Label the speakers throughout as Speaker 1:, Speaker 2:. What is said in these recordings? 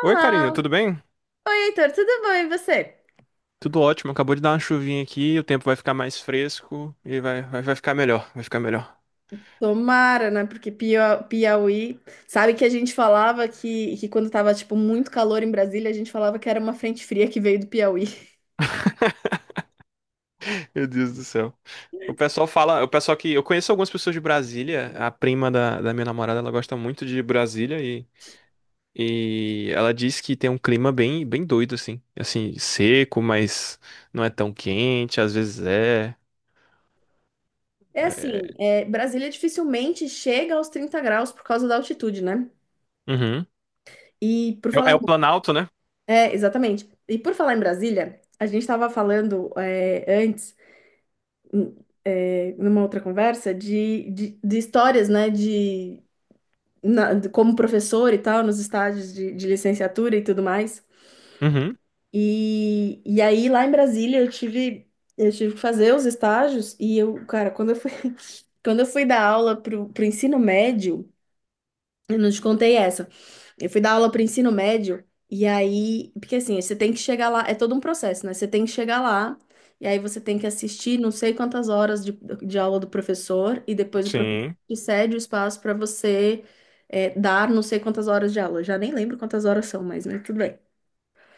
Speaker 1: Oi, Karina, tudo bem?
Speaker 2: Oi, Heitor, tudo bom? E você?
Speaker 1: Tudo ótimo. Acabou de dar uma chuvinha aqui, o tempo vai ficar mais fresco e vai ficar melhor, vai ficar melhor.
Speaker 2: Tomara, né? Porque Piauí. Sabe que a gente falava que quando tava, tipo, muito calor em Brasília, a gente falava que era uma frente fria que veio do Piauí.
Speaker 1: Meu Deus do céu. O pessoal fala, o pessoal que eu conheço algumas pessoas de Brasília, a prima da minha namorada, ela gosta muito de Brasília e ela diz que tem um clima bem, bem doido assim, assim, seco, mas não é tão quente, às vezes é.
Speaker 2: É assim, é, Brasília dificilmente chega aos 30 graus por causa da altitude, né?
Speaker 1: Uhum.
Speaker 2: E por
Speaker 1: É,
Speaker 2: falar
Speaker 1: é o
Speaker 2: em...
Speaker 1: Planalto, né?
Speaker 2: É, exatamente. E por falar em Brasília, a gente estava falando antes, n- é, numa outra conversa, de histórias, né? De, como professor e tal, nos estágios de licenciatura e tudo mais.
Speaker 1: Uhum.
Speaker 2: E aí, lá em Brasília, eu tive que fazer os estágios e eu, cara, quando eu fui, quando eu fui dar aula pro ensino médio, eu não te contei essa. Eu fui dar aula para ensino médio, e aí, porque assim, você tem que chegar lá, é todo um processo, né? Você tem que chegar lá, e aí você tem que assistir não sei quantas horas de aula do professor, e depois o professor
Speaker 1: Sim.
Speaker 2: te cede o espaço para você dar não sei quantas horas de aula. Eu já nem lembro quantas horas são, mas né, tudo bem.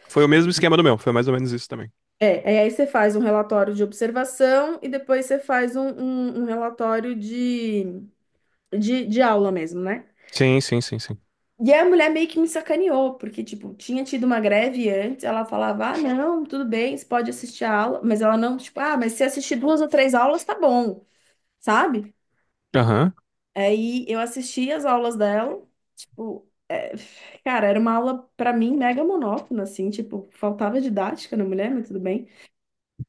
Speaker 1: Foi o mesmo esquema do meu, foi mais ou menos isso também.
Speaker 2: É, e aí você faz um relatório de observação e depois você faz um relatório de aula mesmo, né?
Speaker 1: Sim, sim, sim, sim.
Speaker 2: E a mulher meio que me sacaneou, porque, tipo, tinha tido uma greve antes, ela falava, ah, não, tudo bem, você pode assistir a aula, mas ela não, tipo, ah, mas se assistir duas ou três aulas, tá bom, sabe?
Speaker 1: Aham.
Speaker 2: Aí eu assisti as aulas dela, tipo, é, cara, era uma aula, pra mim, mega monótona, assim, tipo, faltava didática na mulher, mas tudo bem.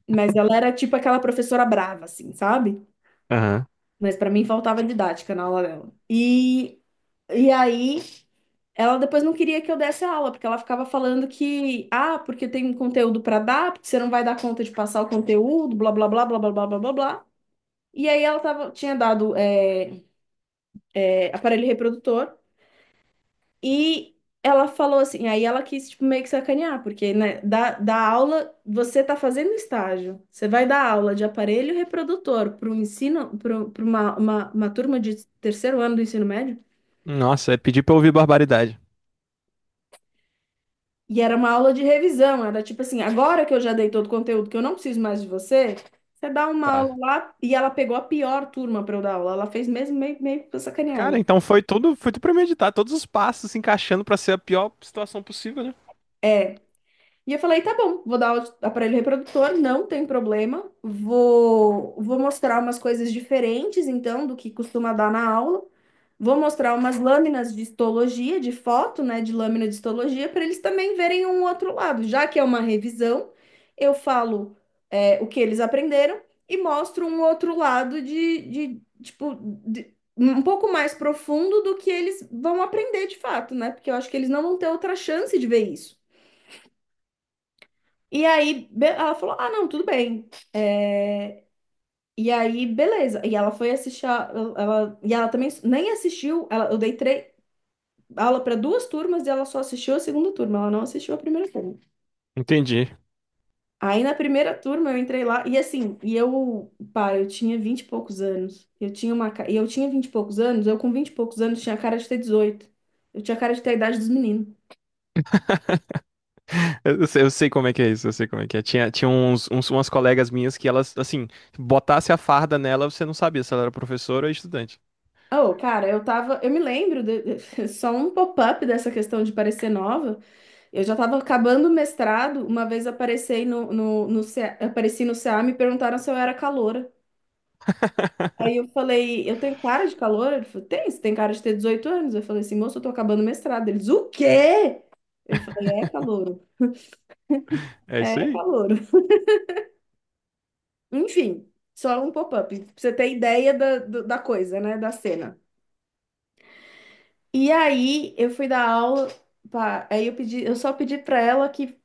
Speaker 2: Mas ela era, tipo, aquela professora brava, assim, sabe?
Speaker 1: Aham.
Speaker 2: Mas pra mim faltava didática na aula dela. E aí ela depois não queria que eu desse a aula, porque ela ficava falando que, ah, porque tem um conteúdo pra dar, porque você não vai dar conta de passar o conteúdo, blá blá blá blá blá blá blá blá. Blá. E aí ela tava, tinha dado aparelho reprodutor. E ela falou assim, aí ela quis tipo, meio que sacanear, porque né, da aula você tá fazendo estágio. Você vai dar aula de aparelho reprodutor para ensino, para uma turma de terceiro ano do ensino médio.
Speaker 1: Nossa, é pedir pra eu ouvir barbaridade.
Speaker 2: E era uma aula de revisão, era tipo assim, agora que eu já dei todo o conteúdo, que eu não preciso mais de você, você dá uma aula
Speaker 1: Tá.
Speaker 2: lá, e ela pegou a pior turma para eu dar aula. Ela fez mesmo meio pra sacanear,
Speaker 1: Cara,
Speaker 2: né?
Speaker 1: então foi tudo premeditado, todos os passos se encaixando pra ser a pior situação possível, né?
Speaker 2: É, e eu falei, tá bom, vou dar o aparelho reprodutor, não tem problema. Vou mostrar umas coisas diferentes, então, do que costuma dar na aula. Vou mostrar umas lâminas de histologia, de foto, né, de lâmina de histologia, para eles também verem um outro lado. Já que é uma revisão, eu falo, é, o que eles aprenderam e mostro um outro lado de tipo, um pouco mais profundo do que eles vão aprender de fato, né? Porque eu acho que eles não vão ter outra chance de ver isso. E aí ela falou: Ah, não, tudo bem. É, e aí, beleza. E ela foi assistir. Ela... E ela também nem assistiu. Ela... Aula para duas turmas e ela só assistiu a segunda turma. Ela não assistiu a primeira turma.
Speaker 1: Entendi.
Speaker 2: Aí na primeira turma eu entrei lá e assim, e eu, pá, eu tinha vinte e poucos anos. Eu tinha uma, ca- e eu tinha vinte e poucos anos, eu com vinte e poucos anos tinha a cara de ter 18. Eu tinha a cara de ter a idade dos meninos.
Speaker 1: Eu sei como é que é isso, eu sei como é que é. Tinha, tinha umas colegas minhas que elas, assim, botasse a farda nela, você não sabia se ela era professora ou estudante.
Speaker 2: Oh, cara, eu tava, eu me lembro de- só um pop-up dessa questão de parecer nova. Eu já estava acabando o mestrado, uma vez apareci CA, apareci no CA, me perguntaram se eu era caloura. Aí eu falei, eu tenho cara de caloura? Ele falou, tem, você tem cara de ter 18 anos. Eu falei assim, moço, eu tô acabando o mestrado. Eles, o quê? Eu falei, é calouro,
Speaker 1: É isso
Speaker 2: é
Speaker 1: aí.
Speaker 2: calouro. Enfim, só um pop-up, pra você ter ideia da coisa, né, da cena. E aí eu fui dar aula, pá, aí eu pedi, eu só pedi pra ela que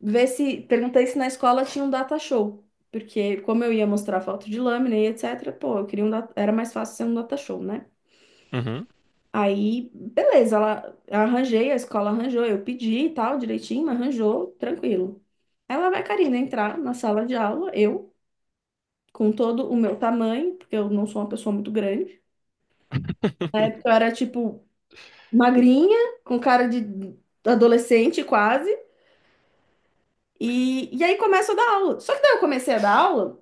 Speaker 2: ver se perguntei se na escola tinha um data show, porque como eu ia mostrar foto de lâmina e etc, pô, eu queria um data, era mais fácil ser um data show, né?
Speaker 1: Uhum.
Speaker 2: Aí, beleza, ela eu arranjei, a escola arranjou, eu pedi e tal, direitinho, mas arranjou, tranquilo. Ela vai, Karina, entrar na sala de aula, eu, com todo o meu tamanho, porque eu não sou uma pessoa muito grande. Na época eu era, tipo, magrinha, com cara de adolescente quase. E aí começa a dar aula. Só que daí eu comecei a dar aula.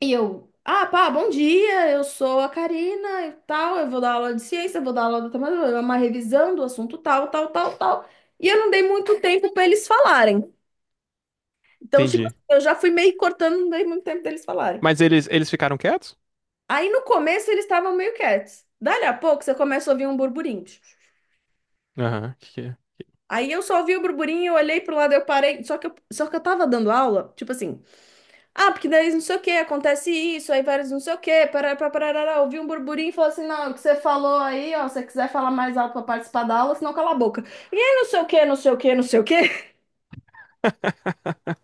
Speaker 2: E eu, ah, pá, bom dia, eu sou a Karina e tal, eu vou dar aula de ciência, eu vou dar aula de matemática, uma revisão do assunto tal, tal, tal, tal. E eu não dei muito tempo para eles falarem. Então, tipo,
Speaker 1: Entendi.
Speaker 2: eu já fui meio cortando, não dei muito tempo deles falarem.
Speaker 1: Mas eles ficaram quietos?
Speaker 2: Aí no começo eles estavam meio quietos. Dali a pouco você começa a ouvir um burburinho.
Speaker 1: Aham, que é?
Speaker 2: Aí eu só ouvi o burburinho, eu olhei pro lado, eu parei. Só que eu tava dando aula, tipo assim, ah, porque daí não sei o que, acontece isso, aí vários não sei o que, parará, parará, ouvi um burburinho e falou assim, não, o que você falou aí, ó, se você quiser falar mais alto pra participar da aula, senão cala a boca. E aí não sei o que, não sei o que, não sei o que.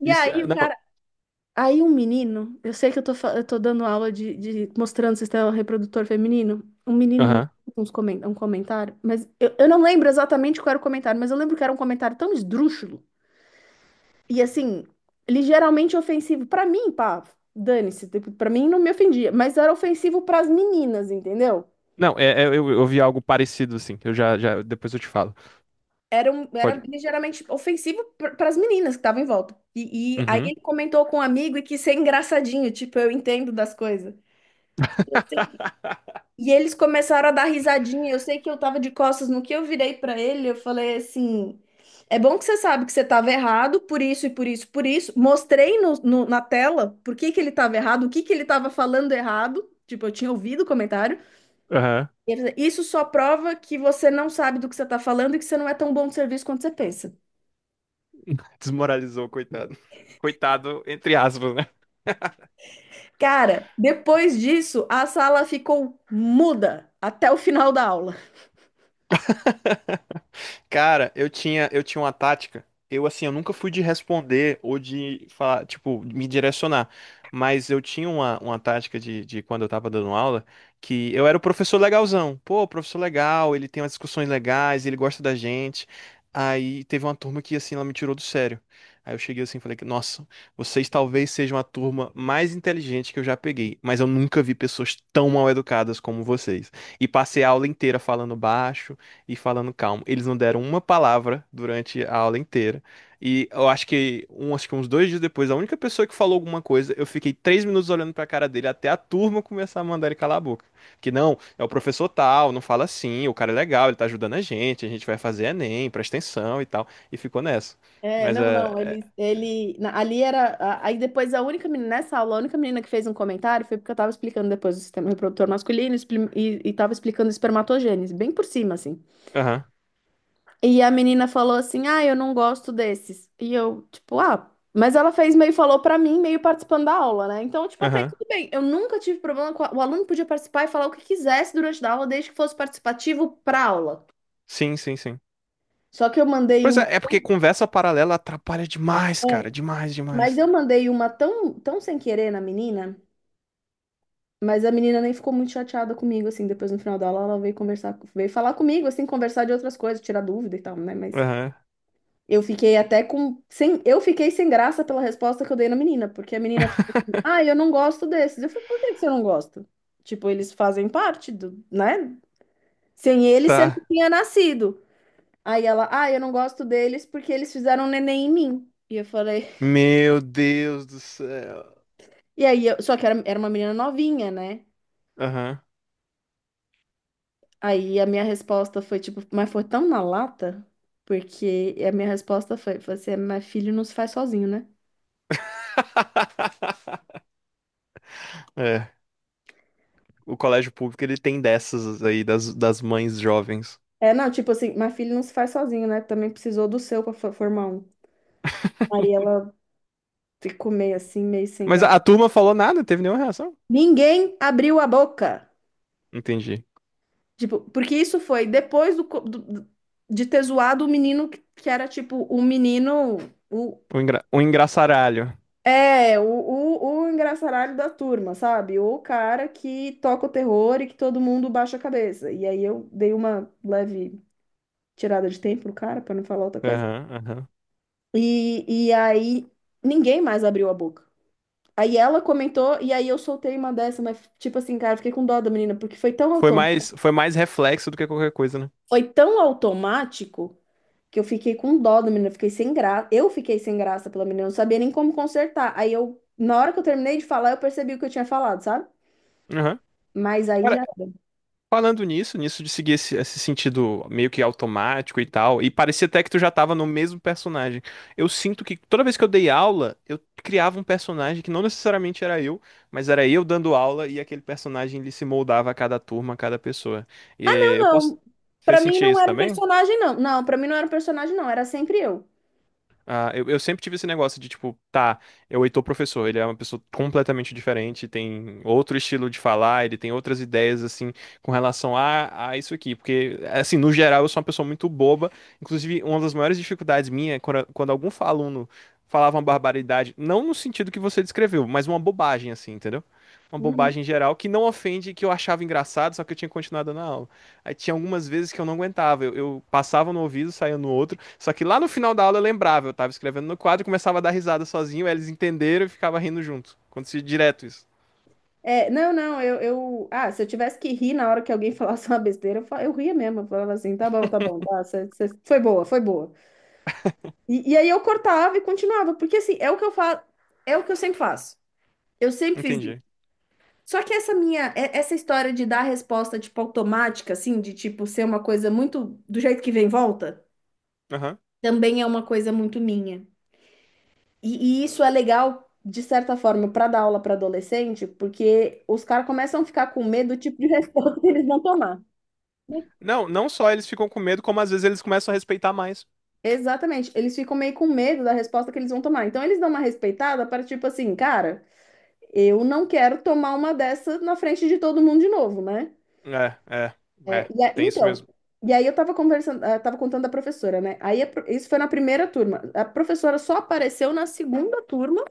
Speaker 2: E
Speaker 1: Isso,
Speaker 2: aí
Speaker 1: é-
Speaker 2: o
Speaker 1: não,
Speaker 2: cara, aí um menino, eu sei que eu tô, eu tô dando aula de mostrando sistema reprodutor feminino, um menino me
Speaker 1: aham.
Speaker 2: fez um comentário, mas eu não lembro exatamente qual era o comentário, mas eu lembro que era um comentário tão esdrúxulo. E assim, ligeiramente ofensivo pra mim, pá, dane-se, tipo, pra mim não me ofendia, mas era ofensivo pras meninas, entendeu?
Speaker 1: Não, eu vi algo parecido, assim. Eu já, já, depois eu te falo.
Speaker 2: Era, um, era
Speaker 1: Pode.
Speaker 2: ligeiramente ofensivo para as meninas que estavam em volta. E aí
Speaker 1: Uhum.
Speaker 2: ele comentou com um amigo e quis ser engraçadinho, tipo, eu entendo das coisas. E eles começaram a dar risadinha. Eu sei que eu tava de costas, no que eu virei pra ele, eu falei assim: é bom que você sabe que você tava errado, por isso e por isso, por isso. Mostrei na tela por que que ele tava errado, o que que ele tava falando errado. Tipo, eu tinha ouvido o comentário.
Speaker 1: Aham.
Speaker 2: E ele falou, isso só prova que você não sabe do que você tá falando e que você não é tão bom de serviço quanto você pensa.
Speaker 1: Desmoralizou, coitado. Coitado, entre aspas, né?
Speaker 2: Cara, depois disso, a sala ficou muda até o final da aula.
Speaker 1: Cara, eu tinha uma tática. Eu, assim, eu nunca fui de responder ou de falar, tipo, me direcionar. Mas eu tinha uma tática de quando eu tava dando aula, que eu era o professor legalzão. Pô, professor legal, ele tem umas discussões legais, ele gosta da gente. Aí teve uma turma que, assim, ela me tirou do sério. Aí eu cheguei assim e falei que, nossa, vocês talvez sejam a turma mais inteligente que eu já peguei, mas eu nunca vi pessoas tão mal educadas como vocês. E passei a aula inteira falando baixo e falando calmo. Eles não deram uma palavra durante a aula inteira. E eu acho que, acho que uns 2 dias depois, a única pessoa que falou alguma coisa, eu fiquei 3 minutos olhando pra cara dele até a turma começar a mandar ele calar a boca. Que não, é o professor tal, não fala assim, o cara é legal, ele tá ajudando a gente vai fazer Enem, presta atenção e tal. E ficou nessa.
Speaker 2: É,
Speaker 1: Mas é.
Speaker 2: não, não,
Speaker 1: é-
Speaker 2: ali era, aí depois a única menina, nessa aula, a única menina que fez um comentário foi porque eu tava explicando depois o sistema reprodutor masculino e tava explicando espermatogênese, bem por cima, assim.
Speaker 1: Aham,
Speaker 2: E a menina falou assim, ah, eu não gosto desses. E eu, tipo, ah, mas ela fez meio, falou pra mim, meio participando da aula, né? Então, tipo, até aí
Speaker 1: aham.
Speaker 2: tudo bem, eu nunca tive problema com, o aluno podia participar e falar o que quisesse durante a aula, desde que fosse participativo pra aula.
Speaker 1: Sim, sim, sim.
Speaker 2: Só que eu mandei
Speaker 1: Pois
Speaker 2: uma...
Speaker 1: é, é porque conversa paralela atrapalha demais, cara.
Speaker 2: É,
Speaker 1: Demais,
Speaker 2: mas
Speaker 1: demais.
Speaker 2: eu mandei uma tão, tão sem querer na menina. Mas a menina nem ficou muito chateada comigo, assim. Depois, no final da aula, ela veio conversar, veio falar comigo, assim, conversar de outras coisas, tirar dúvida e tal, né? Mas
Speaker 1: Aham.
Speaker 2: eu fiquei até com, sem, eu fiquei sem graça pela resposta que eu dei na menina, porque a menina falou assim, ah, eu não gosto desses. Eu falei, por que que você não gosta? Tipo, eles fazem parte do, né? Sem eles, você
Speaker 1: Tá.
Speaker 2: não tinha nascido. Aí ela, ah, eu não gosto deles porque eles fizeram um neném em mim. E eu falei,
Speaker 1: Meu Deus do céu.
Speaker 2: e aí, só que era, era uma menina novinha, né?
Speaker 1: Aham.
Speaker 2: Aí a minha resposta foi tipo, mas foi tão na lata, porque a minha resposta foi, você, mas filho não se faz sozinho, né?
Speaker 1: É, o colégio público ele tem dessas aí das mães jovens.
Speaker 2: É, não, tipo assim, mas filho não se faz sozinho, né? Também precisou do seu pra formar um. Aí ela ficou meio assim, meio sem
Speaker 1: Mas
Speaker 2: graça.
Speaker 1: a turma falou nada, não teve nenhuma reação.
Speaker 2: Ninguém abriu a boca.
Speaker 1: Entendi.
Speaker 2: Tipo, porque isso foi depois do, co- do- do- de ter zoado o menino que era tipo o menino, o,
Speaker 1: Um engraçaralho.
Speaker 2: é, o engraçaralho da turma, sabe? Ou o cara que toca o terror e que todo mundo baixa a cabeça. E aí eu dei uma leve tirada de tempo pro cara, pra não falar outra coisa.
Speaker 1: Aham, aham.
Speaker 2: E aí ninguém mais abriu a boca. Aí ela comentou, e aí eu soltei uma dessa, mas tipo assim, cara, eu fiquei com dó da menina, porque
Speaker 1: Foi mais reflexo do que qualquer coisa, né?
Speaker 2: foi tão automático que eu fiquei com dó da menina, eu fiquei sem graça. Eu fiquei sem graça pela menina, eu não sabia nem como consertar. Aí eu, na hora que eu terminei de falar, eu percebi o que eu tinha falado, sabe?
Speaker 1: Aham.
Speaker 2: Mas aí
Speaker 1: Cara,
Speaker 2: já era.
Speaker 1: falando nisso, nisso de seguir esse, esse sentido meio que automático e tal, e parecia até que tu já tava no mesmo personagem. Eu sinto que toda vez que eu dei aula, eu criava um personagem que não necessariamente era eu, mas era eu dando aula e aquele personagem ele se moldava a cada turma, a cada pessoa. E
Speaker 2: Não,
Speaker 1: eu posso.
Speaker 2: não,
Speaker 1: Você
Speaker 2: pra mim
Speaker 1: sentia
Speaker 2: não
Speaker 1: isso
Speaker 2: era um
Speaker 1: também?
Speaker 2: personagem, não. Não, pra mim não era um personagem, não. Era sempre eu.
Speaker 1: Ah, eu sempre tive esse negócio de, tipo, tá, é o Heitor professor, ele é uma pessoa completamente diferente, tem outro estilo de falar, ele tem outras ideias, assim, com relação a isso aqui. Porque, assim, no geral, eu sou uma pessoa muito boba. Inclusive, uma das maiores dificuldades minha é quando, quando algum aluno falava uma barbaridade, não no sentido que você descreveu, mas uma bobagem, assim, entendeu? Uma
Speaker 2: Uhum.
Speaker 1: bobagem geral que não ofende, que eu achava engraçado, só que eu tinha continuado na aula. Aí tinha algumas vezes que eu não aguentava, eu passava no ouvido, saía no outro. Só que lá no final da aula eu lembrava, eu tava escrevendo no quadro, e começava a dar risada sozinho, aí eles entenderam e ficava rindo junto. Acontecia direto isso.
Speaker 2: É, não, não, eu, eu. Ah, se eu tivesse que rir na hora que alguém falasse uma besteira, eu ria mesmo. Eu falava assim, tá bom, foi boa, foi boa. E aí eu cortava e continuava, porque assim, é o que eu faço, é o que eu sempre faço. Eu sempre fiz isso.
Speaker 1: Entendi.
Speaker 2: Só que essa minha, essa história de dar resposta, tipo, automática, assim, de tipo ser uma coisa muito do jeito que vem e volta,
Speaker 1: Aham.
Speaker 2: também é uma coisa muito minha. E isso é legal, de certa forma, para dar aula para adolescente, porque os caras começam a ficar com medo do tipo de resposta que eles vão tomar.
Speaker 1: Não, não só eles ficam com medo, como às vezes eles começam a respeitar mais.
Speaker 2: Exatamente, eles ficam meio com medo da resposta que eles vão tomar. Então, eles dão uma respeitada para tipo assim, cara, eu não quero tomar uma dessa na frente de todo mundo de novo, né?
Speaker 1: É, é,
Speaker 2: É,
Speaker 1: é. Tem isso
Speaker 2: então,
Speaker 1: mesmo.
Speaker 2: e aí eu tava conversando, tava contando da professora, né? Isso foi na primeira turma. A professora só apareceu na segunda turma.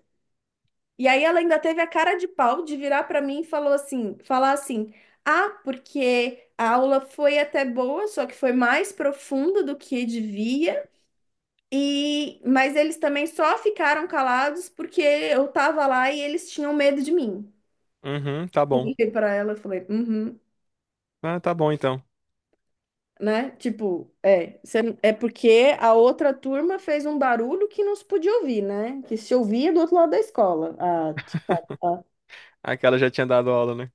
Speaker 2: E aí ela ainda teve a cara de pau de virar para mim e falar assim: "Ah, porque a aula foi até boa, só que foi mais profunda do que devia. E mas eles também só ficaram calados porque eu tava lá e eles tinham medo de mim".
Speaker 1: Uhum, tá bom.
Speaker 2: Olhei para ela e falei: "Uhum",
Speaker 1: Ah, tá bom então.
Speaker 2: né? Tipo, é porque a outra turma fez um barulho que não se podia ouvir, né? Que se ouvia do outro lado da escola. Ah, tipo, tá, tá.
Speaker 1: Aquela já tinha dado aula, né?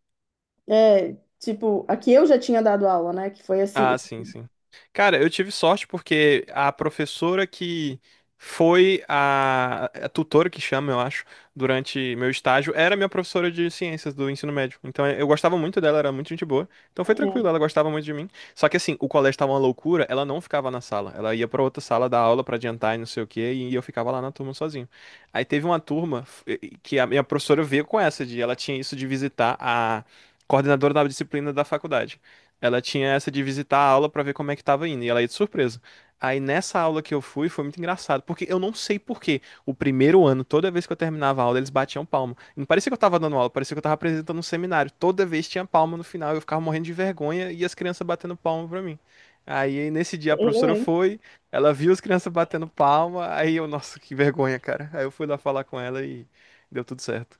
Speaker 2: É, tipo, aqui eu já tinha dado aula, né? Que foi assim.
Speaker 1: Ah, sim, sim. Cara, eu tive sorte porque a professora que foi a tutora que chama, eu acho, durante meu estágio, era minha professora de ciências do ensino médio. Então eu gostava muito dela, era muito gente boa. Então foi tranquilo,
Speaker 2: É,
Speaker 1: ela gostava muito de mim. Só que assim, o colégio tava uma loucura, ela não ficava na sala. Ela ia pra outra sala dar aula pra adiantar e não sei o quê, e eu ficava lá na turma sozinho. Aí teve uma turma f- que a minha professora veio com essa de, ela tinha isso de visitar a coordenadora da disciplina da faculdade. Ela tinha essa de visitar a aula pra ver como é que tava indo, e ela ia de surpresa. Aí nessa aula que eu fui, foi muito engraçado, porque eu não sei por quê. O primeiro ano, toda vez que eu terminava a aula, eles batiam palma. Não parecia que eu tava dando aula, parecia que eu tava apresentando um seminário. Toda vez tinha palma no final, eu ficava morrendo de vergonha e as crianças batendo palma pra mim. Aí nesse dia a
Speaker 2: eu,
Speaker 1: professora
Speaker 2: hein?
Speaker 1: foi, ela viu as crianças batendo palma, aí eu, nossa, que vergonha, cara. Aí eu fui lá falar com ela e deu tudo certo.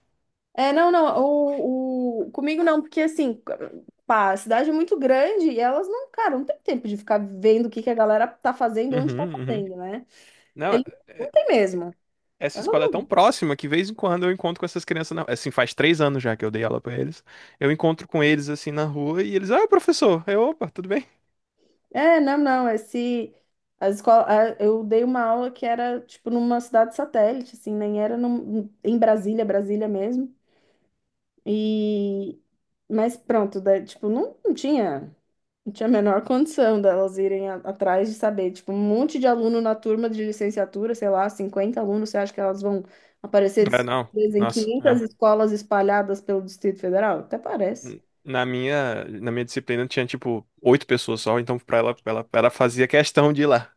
Speaker 2: É, não, não, comigo não, porque assim, pá, a cidade é muito grande e elas não, cara, não tem tempo de ficar vendo o que que a galera tá fazendo, onde tá
Speaker 1: Uhum, uhum.
Speaker 2: fazendo, né?
Speaker 1: Não,
Speaker 2: Eles não
Speaker 1: é,
Speaker 2: tem mesmo.
Speaker 1: essa
Speaker 2: Eu
Speaker 1: escola é tão
Speaker 2: não-
Speaker 1: próxima que, de vez em quando, eu encontro com essas crianças na... Assim, faz 3 anos já que eu dei aula pra eles. Eu encontro com eles, assim, na rua e eles... Ah, professor! Eu, opa, tudo bem?
Speaker 2: É, não, não, esse. As escola, eu dei uma aula que era, tipo, numa cidade satélite, assim, nem era em Brasília, Brasília mesmo. E. Mas pronto, tipo, não, não tinha. Não tinha a menor condição delas irem atrás de saber. Tipo, um monte de aluno na turma de licenciatura, sei lá, 50 alunos, você acha que elas vão aparecer de
Speaker 1: Ah, não.
Speaker 2: surpresa em
Speaker 1: Nossa.
Speaker 2: 500
Speaker 1: Ah.
Speaker 2: escolas espalhadas pelo Distrito Federal? Até parece.
Speaker 1: Na minha disciplina tinha, tipo, 8 pessoas só. Então, pra ela fazia questão de ir lá.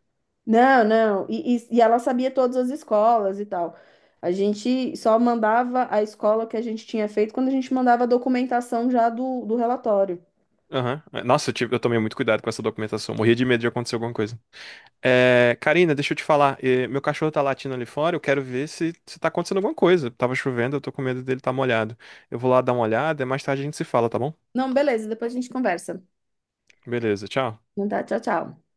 Speaker 2: Não, não. E ela sabia todas as escolas e tal. A gente só mandava a escola que a gente tinha feito quando a gente mandava a documentação já do relatório.
Speaker 1: Aham. Nossa, eu tomei muito cuidado com essa documentação. Morria de medo de acontecer alguma coisa. É, Karina, deixa eu te falar. Meu cachorro tá latindo ali fora. Eu quero ver se, se tá acontecendo alguma coisa. Tava chovendo, eu tô com medo dele tá molhado. Eu vou lá dar uma olhada. Mais tarde a gente se fala, tá bom?
Speaker 2: Não, beleza, depois a gente conversa.
Speaker 1: Beleza, tchau.
Speaker 2: Então tá, tchau, tchau.